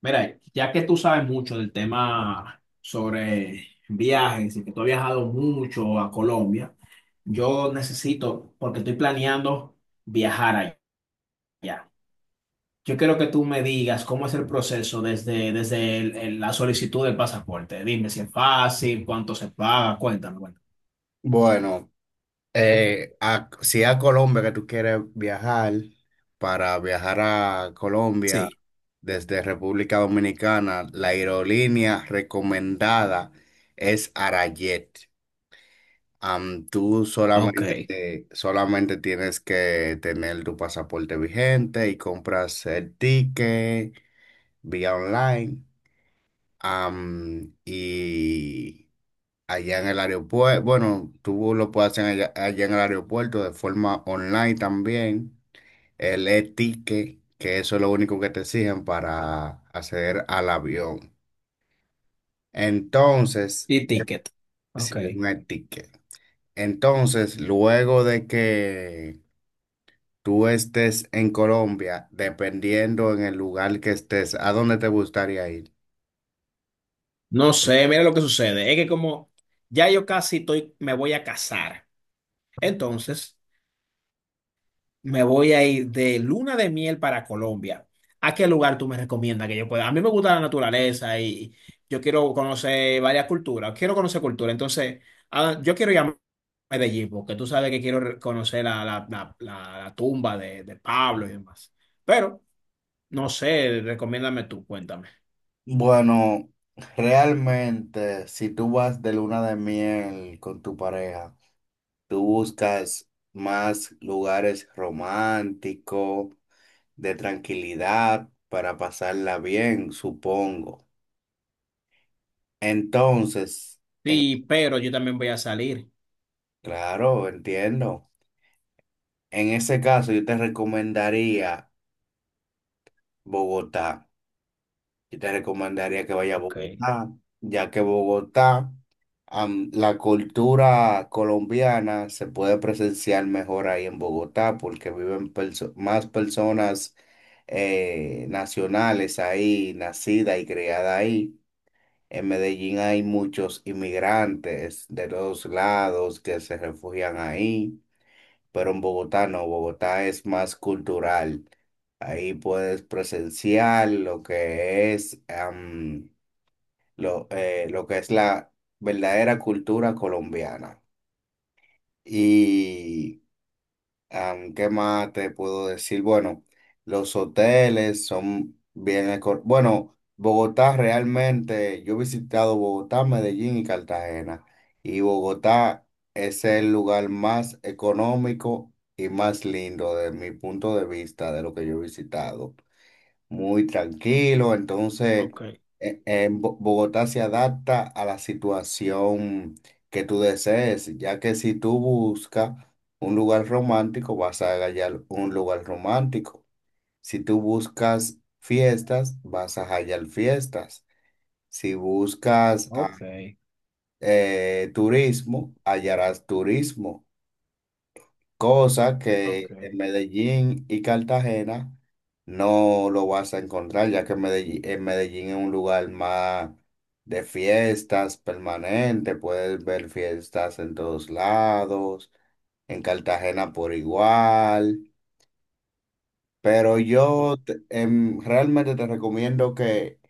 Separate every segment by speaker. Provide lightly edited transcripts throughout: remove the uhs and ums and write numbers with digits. Speaker 1: Mira, ya que tú sabes mucho del tema sobre viajes y que tú has viajado mucho a Colombia, yo necesito, porque estoy planeando viajar allá. Yo quiero que tú me digas cómo es el proceso desde la solicitud del pasaporte. Dime si es fácil, cuánto se paga, cuéntame, bueno.
Speaker 2: Bueno, si a Colombia que tú quieres viajar, para viajar a Colombia
Speaker 1: Sí,
Speaker 2: desde República Dominicana, la aerolínea recomendada es Arayet. Tú
Speaker 1: ok.
Speaker 2: solamente, solamente tienes que tener tu pasaporte vigente y compras el ticket vía online. Y allá en el aeropuerto. Bueno, tú lo puedes hacer allá en el aeropuerto de forma online también. El e-ticket, que eso es lo único que te exigen para acceder al avión. Entonces,
Speaker 1: Y ticket. Ok.
Speaker 2: sí, un e-ticket. Entonces, luego de que tú estés en Colombia, dependiendo en el lugar que estés, ¿a dónde te gustaría ir?
Speaker 1: No sé, mira lo que sucede. Es que como ya yo casi estoy, me voy a casar. Entonces... Me voy a ir de luna de miel para Colombia. ¿A qué lugar tú me recomiendas que yo pueda? A mí me gusta la naturaleza y yo quiero conocer varias culturas. Quiero conocer cultura. Entonces, ah, yo quiero ir a Medellín porque tú sabes que quiero conocer la tumba de Pablo y demás. Pero, no sé, recomiéndame tú, cuéntame.
Speaker 2: Bueno, realmente, si tú vas de luna de miel con tu pareja, tú buscas más lugares románticos, de tranquilidad, para pasarla bien, supongo. Entonces,
Speaker 1: Sí, pero yo también voy a salir.
Speaker 2: claro, entiendo. En ese caso, yo te recomendaría Bogotá. Yo te recomendaría que vaya a
Speaker 1: Ok,
Speaker 2: Bogotá, ya que Bogotá, la cultura colombiana se puede presenciar mejor ahí en Bogotá porque más personas nacionales ahí, nacidas y criadas ahí. En Medellín hay muchos inmigrantes de todos lados que se refugian ahí, pero en Bogotá no, Bogotá es más cultural. Ahí puedes presenciar lo que es, lo que es la verdadera cultura colombiana. Y ¿Qué más te puedo decir? Bueno, los hoteles son bien... Bueno, Bogotá realmente, yo he visitado Bogotá, Medellín y Cartagena. Y Bogotá es el lugar más económico y más lindo de mi punto de vista de lo que yo he visitado, muy tranquilo. Entonces,
Speaker 1: ok,
Speaker 2: Bogotá se adapta a la situación que tú desees, ya que si tú buscas un lugar romántico, vas a hallar un lugar romántico. Si tú buscas fiestas, vas a hallar fiestas. Si buscas
Speaker 1: ok,
Speaker 2: turismo, hallarás turismo, cosa
Speaker 1: ok.
Speaker 2: que en Medellín y Cartagena no lo vas a encontrar, ya que en Medellín es un lugar más de fiestas permanente, puedes ver fiestas en todos lados, en Cartagena por igual, pero realmente te recomiendo que,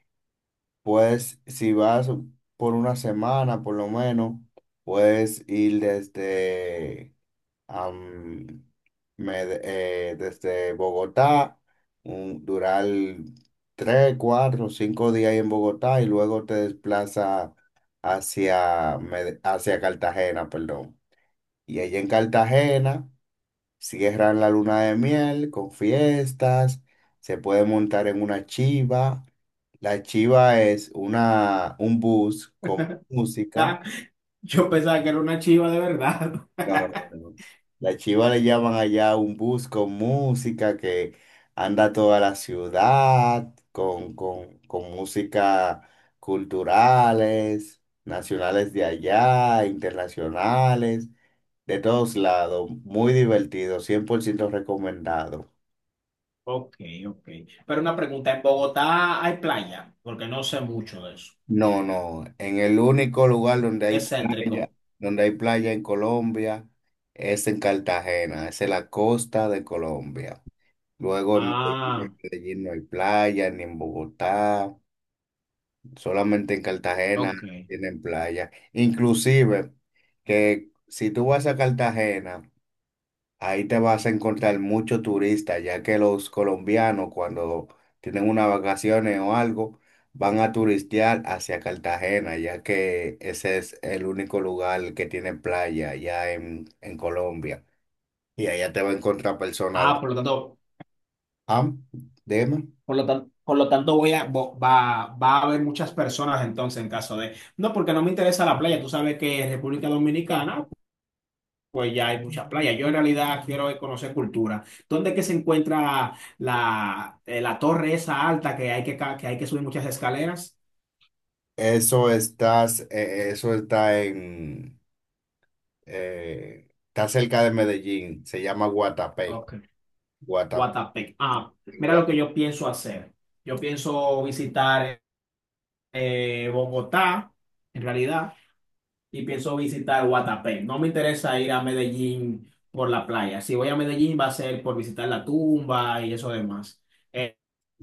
Speaker 2: pues si vas por una semana por lo menos, puedes ir desde am, me de- desde Bogotá, durar tres, cuatro, cinco días ahí en Bogotá y luego te desplaza hacia, hacia Cartagena, perdón. Y allá en Cartagena cierran la luna de miel con fiestas, se puede montar en una chiva. La chiva es un bus con música.
Speaker 1: Yo pensaba que era una chiva de verdad.
Speaker 2: No, no, no, no. La chiva le llaman allá un bus con música que anda toda la ciudad, con música culturales, nacionales de allá, internacionales, de todos lados. Muy divertido, 100% recomendado.
Speaker 1: Ok, ok. Pero una pregunta, ¿en Bogotá hay playa? Porque no sé mucho de eso.
Speaker 2: No, no, en el único lugar
Speaker 1: Es céntrico.
Speaker 2: donde hay playa en Colombia es en Cartagena, es en la costa de Colombia. Luego
Speaker 1: Ah,
Speaker 2: en Medellín no hay playa, ni en Bogotá, solamente en Cartagena
Speaker 1: ok.
Speaker 2: tienen playa. Inclusive que si tú vas a Cartagena, ahí te vas a encontrar muchos turistas, ya que los colombianos cuando tienen unas vacaciones o algo, van a turistear hacia Cartagena, ya que ese es el único lugar que tiene playa ya en Colombia. Y allá te va a encontrar personas
Speaker 1: Ah,
Speaker 2: de... Ah, dime.
Speaker 1: por lo tanto voy a, va a haber muchas personas entonces en caso de... No, porque no me interesa la playa. Tú sabes que en República Dominicana, pues ya hay muchas playas. Yo en realidad quiero conocer cultura. ¿Dónde es que se encuentra la torre esa alta que hay que hay que subir muchas escaleras?
Speaker 2: Eso está está cerca de Medellín, se llama Guatapé.
Speaker 1: Ok.
Speaker 2: Guatapé.
Speaker 1: Guatapé. Ah,
Speaker 2: en
Speaker 1: mira
Speaker 2: Gua-
Speaker 1: lo que yo pienso hacer. Yo pienso visitar Bogotá, en realidad, y pienso visitar Guatapé. No me interesa ir a Medellín por la playa. Si voy a Medellín va a ser por visitar la tumba y eso demás. Eh,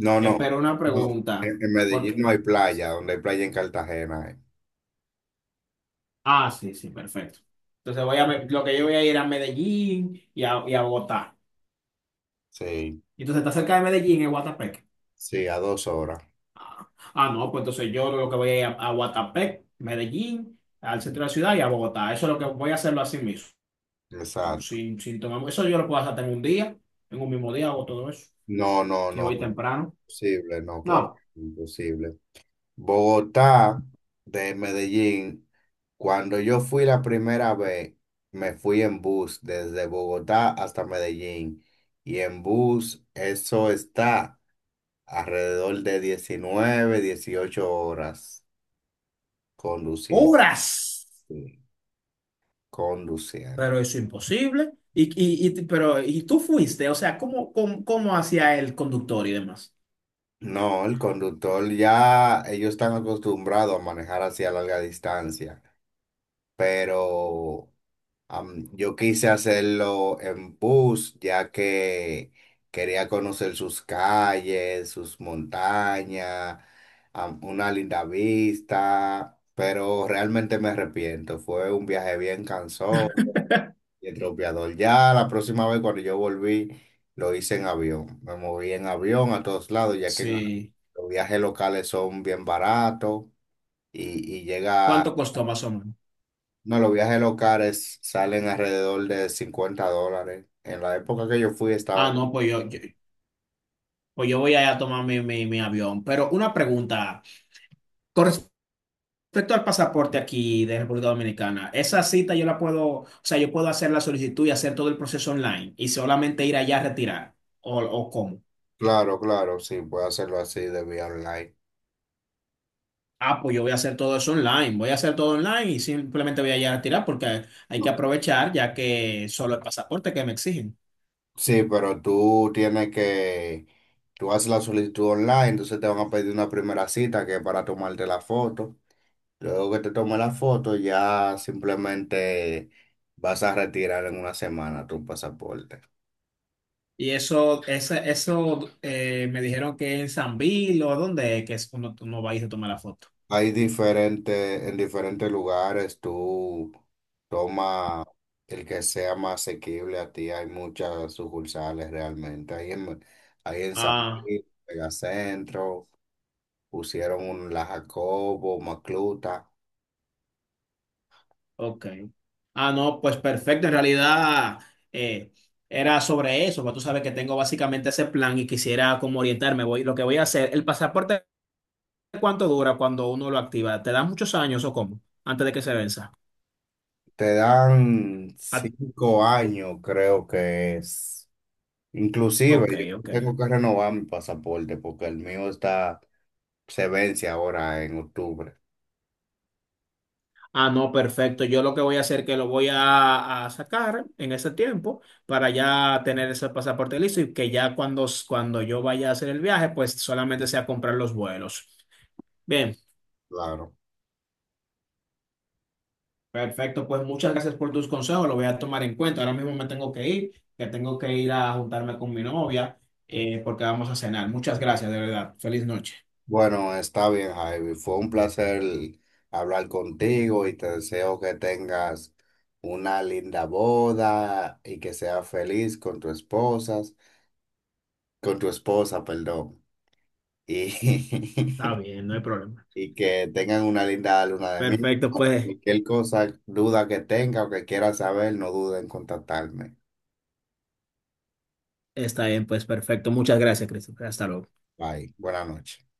Speaker 2: No, no,
Speaker 1: pero una
Speaker 2: no.
Speaker 1: pregunta,
Speaker 2: En
Speaker 1: ¿por
Speaker 2: Medellín no
Speaker 1: qué?
Speaker 2: hay playa, donde hay playa en Cartagena. Eh.
Speaker 1: Ah, sí, sí, perfecto. Entonces voy a, lo que yo voy a ir a Medellín y y a Bogotá.
Speaker 2: Sí,
Speaker 1: Entonces está cerca de Medellín es Guatapé.
Speaker 2: sí, a dos horas.
Speaker 1: Ah, no, pues entonces yo lo que voy a ir a Guatapé, Medellín, al centro de la ciudad y a Bogotá. Eso es lo que voy a hacerlo así mismo.
Speaker 2: Exacto.
Speaker 1: Sin tomar, eso yo lo puedo hacer en un día, en un mismo día hago todo eso.
Speaker 2: No, no,
Speaker 1: Si
Speaker 2: no.
Speaker 1: voy temprano.
Speaker 2: Imposible, no, claro,
Speaker 1: No,
Speaker 2: imposible. Bogotá de Medellín. Cuando yo fui la primera vez, me fui en bus desde Bogotá hasta Medellín. Y en bus, eso está alrededor de 19, 18 horas conduciendo.
Speaker 1: horas.
Speaker 2: Sí, conduciendo.
Speaker 1: Pero eso es imposible. Pero, ¿y tú fuiste? O sea, ¿cómo hacía el conductor y demás?
Speaker 2: No, el conductor ya, ellos están acostumbrados a manejar hacia larga distancia, pero yo quise hacerlo en bus, ya que quería conocer sus calles, sus montañas, una linda vista, pero realmente me arrepiento. Fue un viaje bien cansón y atropellador. Ya la próxima vez cuando yo volví, lo hice en avión. Me moví en avión a todos lados, ya que
Speaker 1: Sí.
Speaker 2: los viajes locales son bien baratos y llega...
Speaker 1: ¿Cuánto costó más o menos?
Speaker 2: No, los viajes locales salen alrededor de $50. En la época que yo fui estaban...
Speaker 1: Ah, no, pues yo voy a tomar mi avión. Pero una pregunta. Respecto al pasaporte aquí de República Dominicana, esa cita yo la puedo, o sea, yo puedo hacer la solicitud y hacer todo el proceso online y solamente ir allá a retirar. O cómo?
Speaker 2: Claro, claro, sí, puedo hacerlo así de vía online.
Speaker 1: Ah, pues yo voy a hacer todo eso online, voy a hacer todo online y simplemente voy allá a retirar porque hay que
Speaker 2: No.
Speaker 1: aprovechar ya que solo el pasaporte que me exigen.
Speaker 2: Sí, pero tú tienes que... Tú haces la solicitud online, entonces te van a pedir una primera cita que es para tomarte la foto. Luego que te tome la foto, ya simplemente vas a retirar en una semana tu pasaporte.
Speaker 1: Y eso, eso me dijeron que en San Bill o dónde es que es cuando tú no vais a tomar la foto.
Speaker 2: Hay diferentes, en diferentes lugares tú toma el que sea más asequible a ti. Hay muchas sucursales realmente. Ahí en San
Speaker 1: Ah,
Speaker 2: Luis, Megacentro, pusieron un La Jacobo, Macluta.
Speaker 1: ok. Ah, no, pues perfecto. En realidad eh, era sobre eso, pero tú sabes que tengo básicamente ese plan y quisiera como orientarme. Voy, lo que voy a hacer, ¿el pasaporte cuánto dura cuando uno lo activa? ¿Te da muchos años o cómo? Antes de que se venza.
Speaker 2: Te dan
Speaker 1: Ah,
Speaker 2: 5 años, creo que es.
Speaker 1: ok,
Speaker 2: Inclusive yo
Speaker 1: ok.
Speaker 2: tengo que renovar mi pasaporte porque el mío está, se vence ahora en octubre.
Speaker 1: Ah, no, perfecto. Yo lo que voy a hacer es que lo voy a sacar en ese tiempo para ya tener ese pasaporte listo y que ya cuando yo vaya a hacer el viaje, pues solamente sea comprar los vuelos. Bien,
Speaker 2: Claro.
Speaker 1: perfecto. Pues muchas gracias por tus consejos. Lo voy a tomar en cuenta. Ahora mismo me tengo que ir, que tengo que ir a juntarme con mi novia porque vamos a cenar. Muchas gracias, de verdad. Feliz noche.
Speaker 2: Bueno, está bien, Javi. Fue un placer hablar contigo y te deseo que tengas una linda boda y que seas feliz con tu esposa, perdón. Y,
Speaker 1: Está bien, no hay problema.
Speaker 2: y que tengan una linda luna de miel.
Speaker 1: Perfecto, pues
Speaker 2: Cualquier cosa, duda que tenga o que quiera saber, no dude en contactarme.
Speaker 1: está bien, pues perfecto. Muchas gracias, Christopher. Hasta luego.
Speaker 2: Bye. Buenas noches.